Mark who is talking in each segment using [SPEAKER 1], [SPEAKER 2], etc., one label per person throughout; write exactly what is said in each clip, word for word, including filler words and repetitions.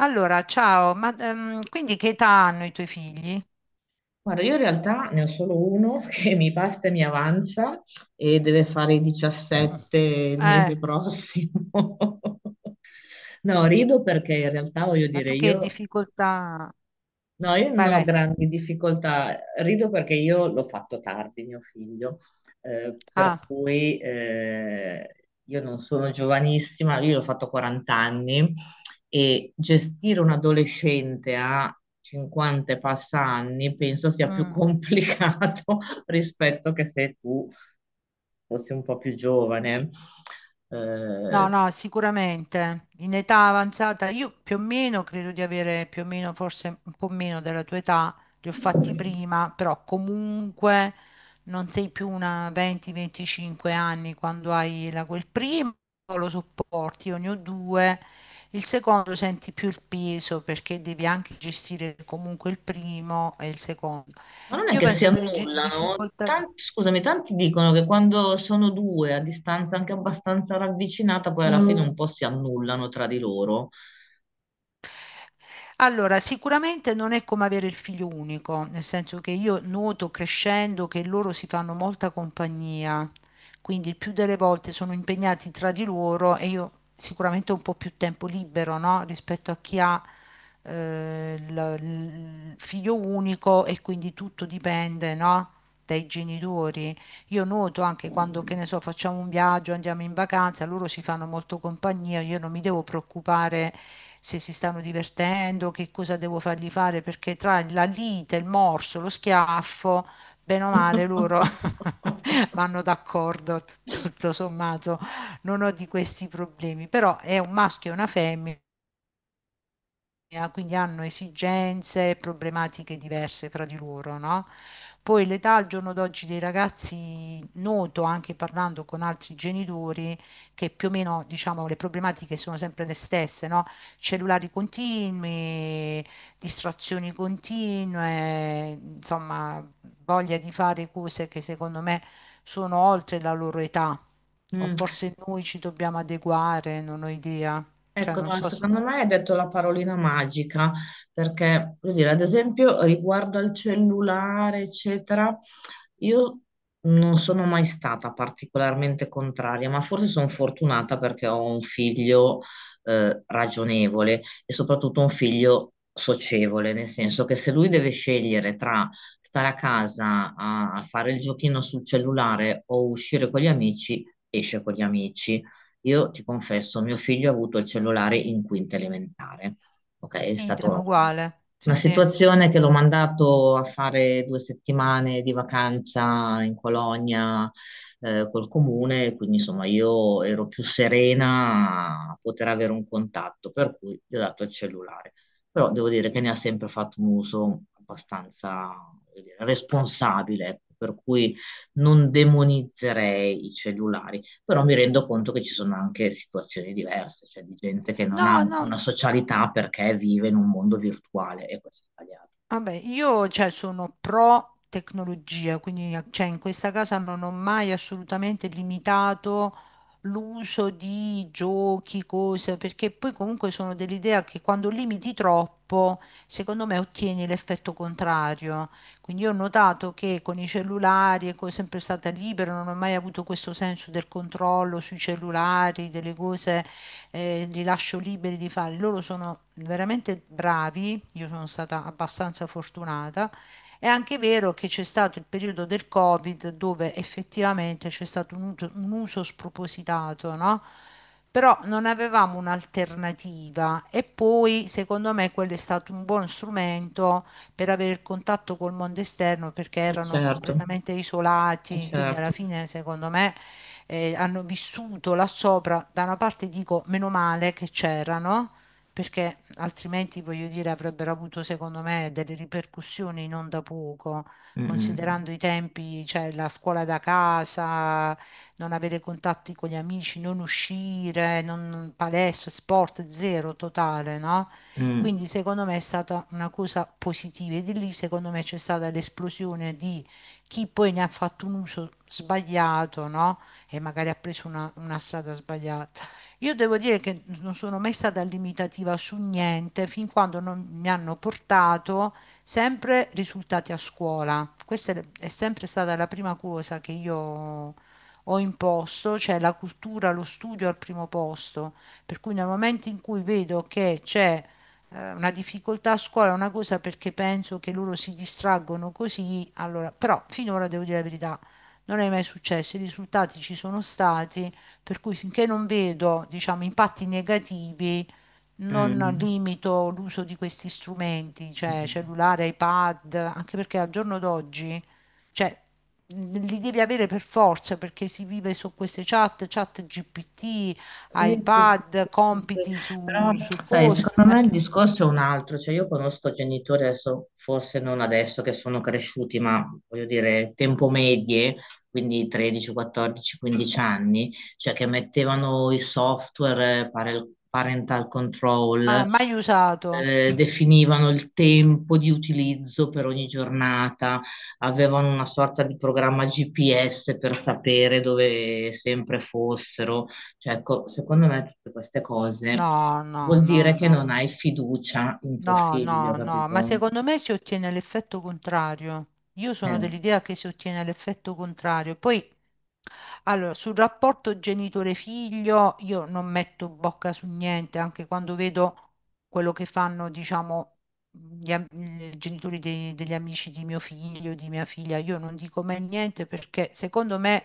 [SPEAKER 1] Allora, ciao, ma ehm, quindi che età hanno i tuoi figli?
[SPEAKER 2] Guarda, io in realtà ne ho solo uno che mi basta e mi avanza e deve fare i diciassette il
[SPEAKER 1] Eh,
[SPEAKER 2] mese prossimo. No, rido perché in realtà voglio
[SPEAKER 1] ma
[SPEAKER 2] dire,
[SPEAKER 1] tu che
[SPEAKER 2] io.
[SPEAKER 1] difficoltà...
[SPEAKER 2] No, io
[SPEAKER 1] Vai,
[SPEAKER 2] non ho
[SPEAKER 1] vai.
[SPEAKER 2] grandi difficoltà, rido perché io l'ho fatto tardi, mio figlio, eh, per
[SPEAKER 1] Ah,
[SPEAKER 2] cui eh, io non sono giovanissima, io l'ho fatto quaranta anni e gestire un adolescente a cinquanta e passa anni penso sia più
[SPEAKER 1] mm.
[SPEAKER 2] complicato rispetto che se tu fossi un po' più giovane.
[SPEAKER 1] No,
[SPEAKER 2] Eh,
[SPEAKER 1] no, sicuramente. In età avanzata, io più o meno credo di avere più o meno, forse un po' meno della tua età, li ho fatti prima, però comunque non sei più una venti a venticinque anni quando hai la, quel primo, lo sopporti, io ne ho due, il secondo senti più il peso perché devi anche gestire comunque il primo e il secondo.
[SPEAKER 2] Ma non è
[SPEAKER 1] Io
[SPEAKER 2] che si
[SPEAKER 1] penso che le gi-
[SPEAKER 2] annullano?
[SPEAKER 1] difficoltà...
[SPEAKER 2] Tan- scusami, tanti dicono che quando sono due a distanza anche abbastanza ravvicinata, poi alla fine Mm. un po' si annullano tra di loro.
[SPEAKER 1] Allora, sicuramente non è come avere il figlio unico, nel senso che io noto crescendo che loro si fanno molta compagnia, quindi il più delle volte sono impegnati tra di loro e io sicuramente ho un po' più tempo libero, no? Rispetto a chi ha eh, il il figlio unico e quindi tutto dipende, no? Dai genitori. Io noto anche quando, che ne so, facciamo un viaggio, andiamo in vacanza, loro si fanno molto compagnia, io non mi devo preoccupare se si stanno divertendo, che cosa devo fargli fare, perché tra la lite, il morso, lo schiaffo, bene o male loro vanno d'accordo, tut- tutto sommato, non ho di questi problemi, però è un maschio e una femmina autonomia, quindi hanno esigenze, problematiche diverse fra di loro, no? Poi l'età al giorno d'oggi dei ragazzi, noto anche parlando con altri genitori, che più o meno, diciamo, le problematiche sono sempre le stesse, no? Cellulari continui, distrazioni continue, insomma, voglia di fare cose che secondo me sono oltre la loro età. O
[SPEAKER 2] Mm,
[SPEAKER 1] forse noi ci dobbiamo adeguare, non ho idea. Cioè,
[SPEAKER 2] Ecco,
[SPEAKER 1] non
[SPEAKER 2] no,
[SPEAKER 1] so se...
[SPEAKER 2] secondo me hai detto la parolina magica, perché, voglio dire, ad esempio, riguardo al cellulare, eccetera, io non sono mai stata particolarmente contraria, ma forse sono fortunata perché ho un figlio, eh, ragionevole e soprattutto un figlio socievole, nel senso che se lui deve scegliere tra stare a casa a a fare il giochino sul cellulare o uscire con gli amici, esce con gli amici. Io ti confesso, mio figlio ha avuto il cellulare in quinta elementare. Ok, è
[SPEAKER 1] Idem,
[SPEAKER 2] stata
[SPEAKER 1] uguale. Sì,
[SPEAKER 2] una
[SPEAKER 1] sì.
[SPEAKER 2] situazione che l'ho mandato a fare due settimane di vacanza in colonia eh, col comune, quindi insomma io ero più serena a poter avere un contatto, per cui gli ho dato il cellulare. Però devo dire che ne ha sempre fatto un uso abbastanza, voglio dire, responsabile, ecco, per cui non demonizzerei i cellulari, però mi rendo conto che ci sono anche situazioni diverse, cioè di gente che non ha
[SPEAKER 1] No,
[SPEAKER 2] una
[SPEAKER 1] no,
[SPEAKER 2] socialità perché vive in un mondo virtuale e questo è sbagliato.
[SPEAKER 1] vabbè, io cioè, sono pro tecnologia, quindi cioè, in questa casa non ho mai assolutamente limitato l'uso di giochi, cose, perché poi comunque sono dell'idea che quando limiti troppo, secondo me ottieni l'effetto contrario. Quindi io ho notato che con i cellulari, ecco, è sempre stata libera, non ho mai avuto questo senso del controllo sui cellulari, delle cose eh, li lascio liberi di fare. Loro sono veramente bravi, io sono stata abbastanza fortunata. È anche vero che c'è stato il periodo del Covid dove effettivamente c'è stato un, ut- un uso spropositato, no? Però non avevamo un'alternativa e poi secondo me quello è stato un buon strumento per avere il contatto col mondo esterno perché
[SPEAKER 2] Eh,
[SPEAKER 1] erano
[SPEAKER 2] Certo,
[SPEAKER 1] completamente
[SPEAKER 2] eh,
[SPEAKER 1] isolati, quindi alla
[SPEAKER 2] certo.
[SPEAKER 1] fine secondo me eh, hanno vissuto là sopra, da una parte dico meno male che c'erano, perché altrimenti, voglio dire, avrebbero avuto, secondo me, delle ripercussioni non da poco,
[SPEAKER 2] Mm,
[SPEAKER 1] considerando i tempi, cioè la scuola da casa, non avere contatti con gli amici, non uscire, non, palestra, sport zero totale, no?
[SPEAKER 2] mm,
[SPEAKER 1] Quindi secondo me è stata una cosa positiva e di lì secondo me c'è stata l'esplosione di chi poi ne ha fatto un uso sbagliato, no? E magari ha preso una, una strada sbagliata. Io devo dire che non sono mai stata limitativa su niente fin quando non mi hanno portato sempre risultati a scuola. Questa è è sempre stata la prima cosa che io ho imposto, cioè la cultura, lo studio al primo posto. Per cui nel momento in cui vedo che c'è eh, una difficoltà a scuola, una cosa perché penso che loro si distraggono così, allora, però finora devo dire la verità, non è mai successo, i risultati ci sono stati, per cui finché non vedo, diciamo, impatti negativi, non
[SPEAKER 2] mm,
[SPEAKER 1] limito l'uso di questi strumenti, cioè
[SPEAKER 2] mm.
[SPEAKER 1] cellulare, iPad, anche perché al giorno d'oggi, cioè, li devi avere per forza perché si vive su queste chat, chat G P T,
[SPEAKER 2] Sì, sì, sì, sì,
[SPEAKER 1] iPad,
[SPEAKER 2] sì, sì.
[SPEAKER 1] compiti
[SPEAKER 2] Però,
[SPEAKER 1] su, su
[SPEAKER 2] sai,
[SPEAKER 1] cosa.
[SPEAKER 2] secondo me il discorso è un altro, cioè io conosco genitori adesso, forse non adesso che sono cresciuti, ma voglio dire, tempo medie, quindi tredici, quattordici, quindici anni, cioè che mettevano i software, eh, pare- parental
[SPEAKER 1] Eh,
[SPEAKER 2] control,
[SPEAKER 1] ah, mai usato?
[SPEAKER 2] eh, definivano il tempo di utilizzo per ogni giornata, avevano una sorta di programma G P S per sapere dove sempre fossero. Cioè, ecco, secondo me tutte queste cose
[SPEAKER 1] No, no,
[SPEAKER 2] vuol
[SPEAKER 1] no,
[SPEAKER 2] dire che non
[SPEAKER 1] no.
[SPEAKER 2] hai fiducia in tuo
[SPEAKER 1] No,
[SPEAKER 2] figlio,
[SPEAKER 1] no, no, ma
[SPEAKER 2] capito?
[SPEAKER 1] secondo me si ottiene l'effetto contrario. Io sono
[SPEAKER 2] Eh.
[SPEAKER 1] dell'idea che si ottiene l'effetto contrario. Poi, allora, sul rapporto genitore-figlio io non metto bocca su niente, anche quando vedo quello che fanno, diciamo, gli, am- i genitori dei- degli amici di mio figlio, di mia figlia, io non dico mai niente perché secondo me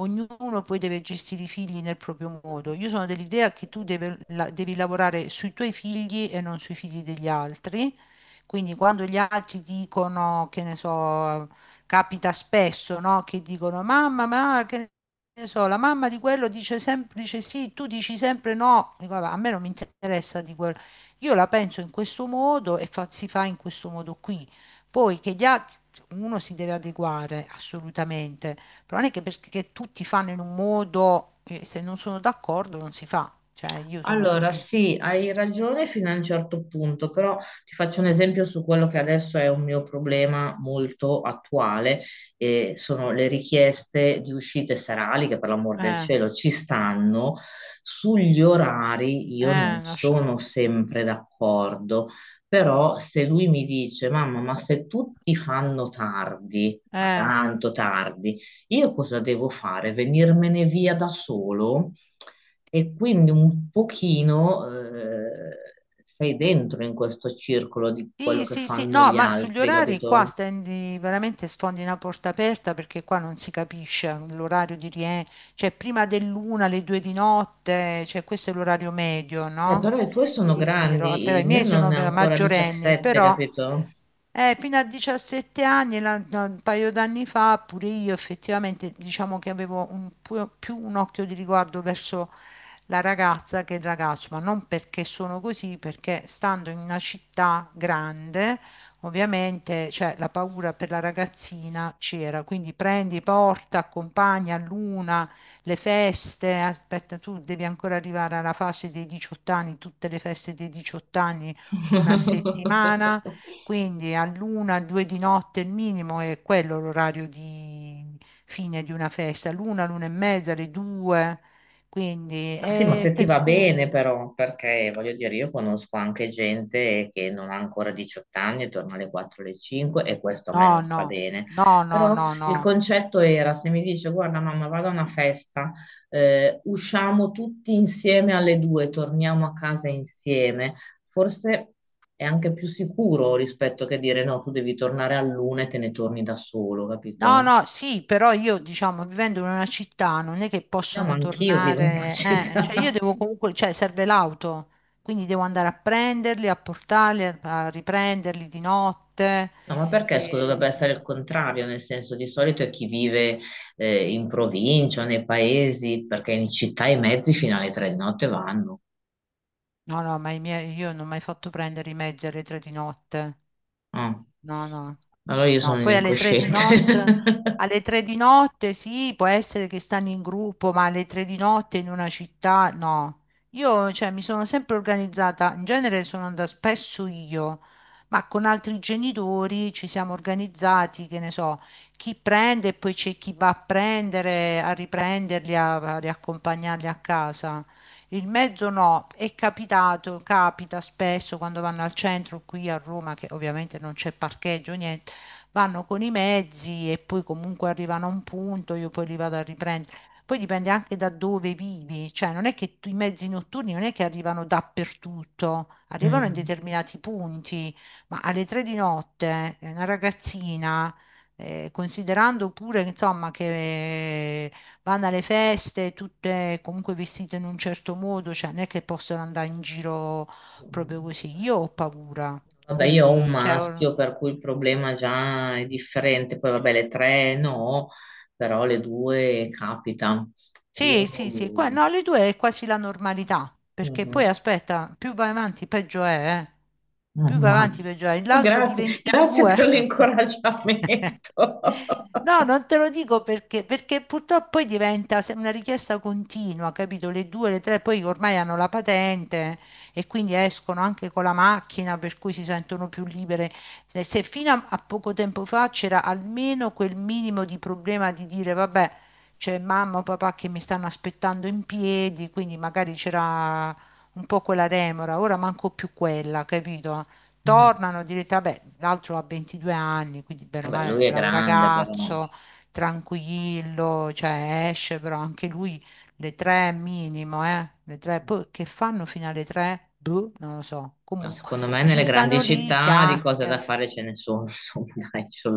[SPEAKER 1] ognuno poi deve gestire i figli nel proprio modo. Io sono dell'idea che tu deve- la- devi lavorare sui tuoi figli e non sui figli degli altri. Quindi quando gli altri dicono, che ne so, capita spesso, no? Che dicono, mamma, ma che ne so, la mamma di quello dice sempre dice sì, tu dici sempre no. Dico, "Vabbè, a me non mi interessa di quello. Io la penso in questo modo e fa- si fa in questo modo qui. Poi che gli altri, uno si deve adeguare assolutamente. Però non è che perché tutti fanno in un modo, eh, se non sono d'accordo non si fa, cioè io sono
[SPEAKER 2] Allora,
[SPEAKER 1] così.
[SPEAKER 2] sì, hai ragione fino a un certo punto, però ti faccio un esempio su quello che adesso è un mio problema molto attuale, e sono le richieste di uscite serali, che per l'amor del
[SPEAKER 1] Eh,
[SPEAKER 2] cielo ci stanno. Sugli orari io non
[SPEAKER 1] eh, lascia-
[SPEAKER 2] sono sempre d'accordo, però se lui mi dice: mamma, ma se tutti fanno tardi, ma
[SPEAKER 1] eh,
[SPEAKER 2] tanto tardi, io cosa devo fare? Venirmene via da solo? E quindi un pochino eh, sei dentro in questo circolo di quello
[SPEAKER 1] Sì,
[SPEAKER 2] che
[SPEAKER 1] sì, sì,
[SPEAKER 2] fanno
[SPEAKER 1] no,
[SPEAKER 2] gli
[SPEAKER 1] ma sugli
[SPEAKER 2] altri,
[SPEAKER 1] orari qua
[SPEAKER 2] capito?
[SPEAKER 1] stendi veramente sfondi una porta aperta perché qua non si capisce l'orario di rientro, cioè prima dell'una, alle due di notte, cioè questo è l'orario medio,
[SPEAKER 2] Eh,
[SPEAKER 1] no?
[SPEAKER 2] però i tuoi
[SPEAKER 1] Io
[SPEAKER 2] sono
[SPEAKER 1] li dirò,
[SPEAKER 2] grandi,
[SPEAKER 1] però i
[SPEAKER 2] il mio
[SPEAKER 1] miei
[SPEAKER 2] non
[SPEAKER 1] sono
[SPEAKER 2] è ancora
[SPEAKER 1] maggiorenni,
[SPEAKER 2] diciassette,
[SPEAKER 1] però
[SPEAKER 2] capito?
[SPEAKER 1] eh, fino a diciassette anni, la- no, un paio d'anni fa, pure io effettivamente diciamo che avevo un pu- più un occhio di riguardo verso la ragazza che il ragazzo, ma non perché sono così, perché stando in una città grande, ovviamente, cioè, la paura per la ragazzina c'era, quindi prendi, porta, accompagna all'una, le feste, aspetta, tu devi ancora arrivare alla fase dei diciotto anni, tutte le feste dei diciotto anni, una settimana. Quindi all'una, alle due di notte il minimo è quello l'orario di fine di una festa, l'una, l'una e mezza, le due. Quindi,
[SPEAKER 2] Ma sì, ma
[SPEAKER 1] eh,
[SPEAKER 2] se ti va
[SPEAKER 1] perché...
[SPEAKER 2] bene però, perché voglio dire, io conosco anche gente che non ha ancora diciotto anni e torna alle quattro, alle cinque, e questo a me non
[SPEAKER 1] No,
[SPEAKER 2] sta
[SPEAKER 1] no,
[SPEAKER 2] bene.
[SPEAKER 1] no, no,
[SPEAKER 2] Però
[SPEAKER 1] no,
[SPEAKER 2] il
[SPEAKER 1] no.
[SPEAKER 2] concetto era, se mi dice, guarda mamma, vado a una festa, eh, usciamo tutti insieme alle due, torniamo a casa insieme, forse è anche più sicuro rispetto che dire no, tu devi tornare all'una e te ne torni da solo,
[SPEAKER 1] No,
[SPEAKER 2] capito?
[SPEAKER 1] no, sì, però io, diciamo, vivendo in una città non è che
[SPEAKER 2] No, ma
[SPEAKER 1] possono
[SPEAKER 2] anch'io vivo in una
[SPEAKER 1] tornare, eh, cioè io
[SPEAKER 2] città.
[SPEAKER 1] devo comunque, cioè serve l'auto, quindi devo andare a prenderli, a portarli, a, a riprenderli di notte.
[SPEAKER 2] No, ma perché, scusa, dovrebbe
[SPEAKER 1] e-
[SPEAKER 2] essere il contrario, nel senso di solito è chi vive eh, in provincia o nei paesi, perché in città i mezzi fino alle tre di notte vanno.
[SPEAKER 1] No, no, ma i miei, io non ho mai fatto prendere i mezzi alle tre di notte.
[SPEAKER 2] Ah,
[SPEAKER 1] No, no,
[SPEAKER 2] allora io
[SPEAKER 1] no.
[SPEAKER 2] sono un
[SPEAKER 1] Poi alle tre di
[SPEAKER 2] incosciente.
[SPEAKER 1] notte, alle tre di notte sì, può essere che stanno in gruppo, ma alle tre di notte in una città, no. Io, cioè, mi sono sempre organizzata, in genere sono andata spesso io, ma con altri genitori ci siamo organizzati, che ne so, chi prende e poi c'è chi va a prendere, a riprenderli, a a riaccompagnarli a casa. Il mezzo no, è capitato, capita spesso quando vanno al centro qui a Roma, che ovviamente non c'è parcheggio, niente, vanno con i mezzi e poi comunque arrivano a un punto, io poi li vado a riprendere. Poi dipende anche da dove vivi, cioè non è che tu- i mezzi notturni non è che arrivano dappertutto, arrivano in
[SPEAKER 2] Mm.
[SPEAKER 1] determinati punti, ma alle tre di notte eh, una ragazzina, eh, considerando pure insomma che vanno alle feste, tutte comunque vestite in un certo modo, cioè non è che possono andare in giro proprio così. Io ho paura,
[SPEAKER 2] Vabbè, io ho un
[SPEAKER 1] quindi cioè, or-
[SPEAKER 2] maschio, per cui il problema già è differente. Poi vabbè, le tre no, però le due capita. Io...
[SPEAKER 1] Sì, sì, sì, qua, no, le due è quasi la normalità, perché poi
[SPEAKER 2] Mhm.
[SPEAKER 1] aspetta, più vai avanti peggio è, eh.
[SPEAKER 2] Eh,
[SPEAKER 1] Più vai avanti
[SPEAKER 2] immagino.
[SPEAKER 1] peggio è, l'altro di
[SPEAKER 2] Grazie, grazie
[SPEAKER 1] ventidue.
[SPEAKER 2] per l'incoraggiamento.
[SPEAKER 1] No, non te lo dico perché, perché purtroppo poi diventa se- una richiesta continua, capito? Le due, le tre, poi ormai hanno la patente e quindi escono anche con la macchina, per cui si sentono più libere. Se se fino a a poco tempo fa c'era almeno quel minimo di problema di dire, vabbè c'è mamma o papà che mi stanno aspettando in piedi, quindi magari c'era un po' quella remora, ora manco più quella, capito?
[SPEAKER 2] Mm.
[SPEAKER 1] Tornano, direte, vabbè, l'altro ha ventidue anni, quindi bene o
[SPEAKER 2] Vabbè,
[SPEAKER 1] male,
[SPEAKER 2] lui è
[SPEAKER 1] bravo
[SPEAKER 2] grande, però
[SPEAKER 1] ragazzo, tranquillo, cioè esce, però anche lui le tre minimo, eh? Le tre, poi che fanno fino alle tre? Boh, non lo so.
[SPEAKER 2] no,
[SPEAKER 1] Comunque,
[SPEAKER 2] secondo me nelle
[SPEAKER 1] dice,
[SPEAKER 2] grandi
[SPEAKER 1] stanno lì,
[SPEAKER 2] città di cose da
[SPEAKER 1] chiacchierano.
[SPEAKER 2] fare ce ne sono, insomma, dai, ci sono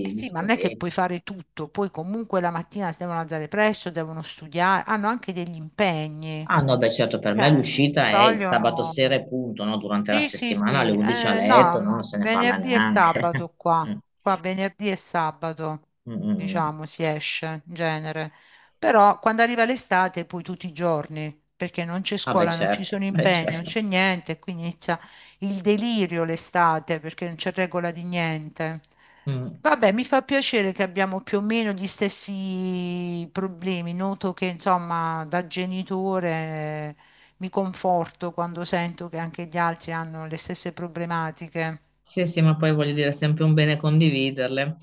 [SPEAKER 1] Eh sì, ma non è che
[SPEAKER 2] discoteche.
[SPEAKER 1] puoi fare tutto, poi comunque la mattina si devono alzare presto, devono studiare, hanno anche degli impegni.
[SPEAKER 2] Ah no, beh certo, per me
[SPEAKER 1] Cioè, ti
[SPEAKER 2] l'uscita è il sabato
[SPEAKER 1] vogliono...
[SPEAKER 2] sera e punto, no? Durante la
[SPEAKER 1] Sì, sì, sì.
[SPEAKER 2] settimana alle undici a
[SPEAKER 1] Eh, no,
[SPEAKER 2] letto, no? Non
[SPEAKER 1] no.
[SPEAKER 2] se ne parla
[SPEAKER 1] Venerdì e
[SPEAKER 2] neanche.
[SPEAKER 1] sabato qua. Qua venerdì e sabato,
[SPEAKER 2] Mm, mm, mm.
[SPEAKER 1] diciamo, si esce in genere. Però quando arriva l'estate, poi tutti i giorni, perché non c'è
[SPEAKER 2] Ah beh
[SPEAKER 1] scuola, non ci
[SPEAKER 2] certo,
[SPEAKER 1] sono
[SPEAKER 2] beh
[SPEAKER 1] impegni, non
[SPEAKER 2] certo.
[SPEAKER 1] c'è niente, e quindi inizia il delirio l'estate, perché non c'è regola di niente.
[SPEAKER 2] Mm.
[SPEAKER 1] Vabbè, mi fa piacere che abbiamo più o meno gli stessi problemi. Noto che, insomma, da genitore mi conforto quando sento che anche gli altri hanno le stesse problematiche.
[SPEAKER 2] Sì, sì, ma poi voglio dire, è sempre un bene condividerle,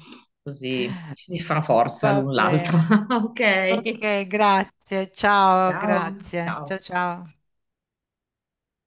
[SPEAKER 2] così ci si fa forza
[SPEAKER 1] Va
[SPEAKER 2] l'un l'altra.
[SPEAKER 1] bene.
[SPEAKER 2] Ok,
[SPEAKER 1] Ok, grazie. Ciao,
[SPEAKER 2] ciao,
[SPEAKER 1] grazie.
[SPEAKER 2] ciao.
[SPEAKER 1] Ciao, ciao.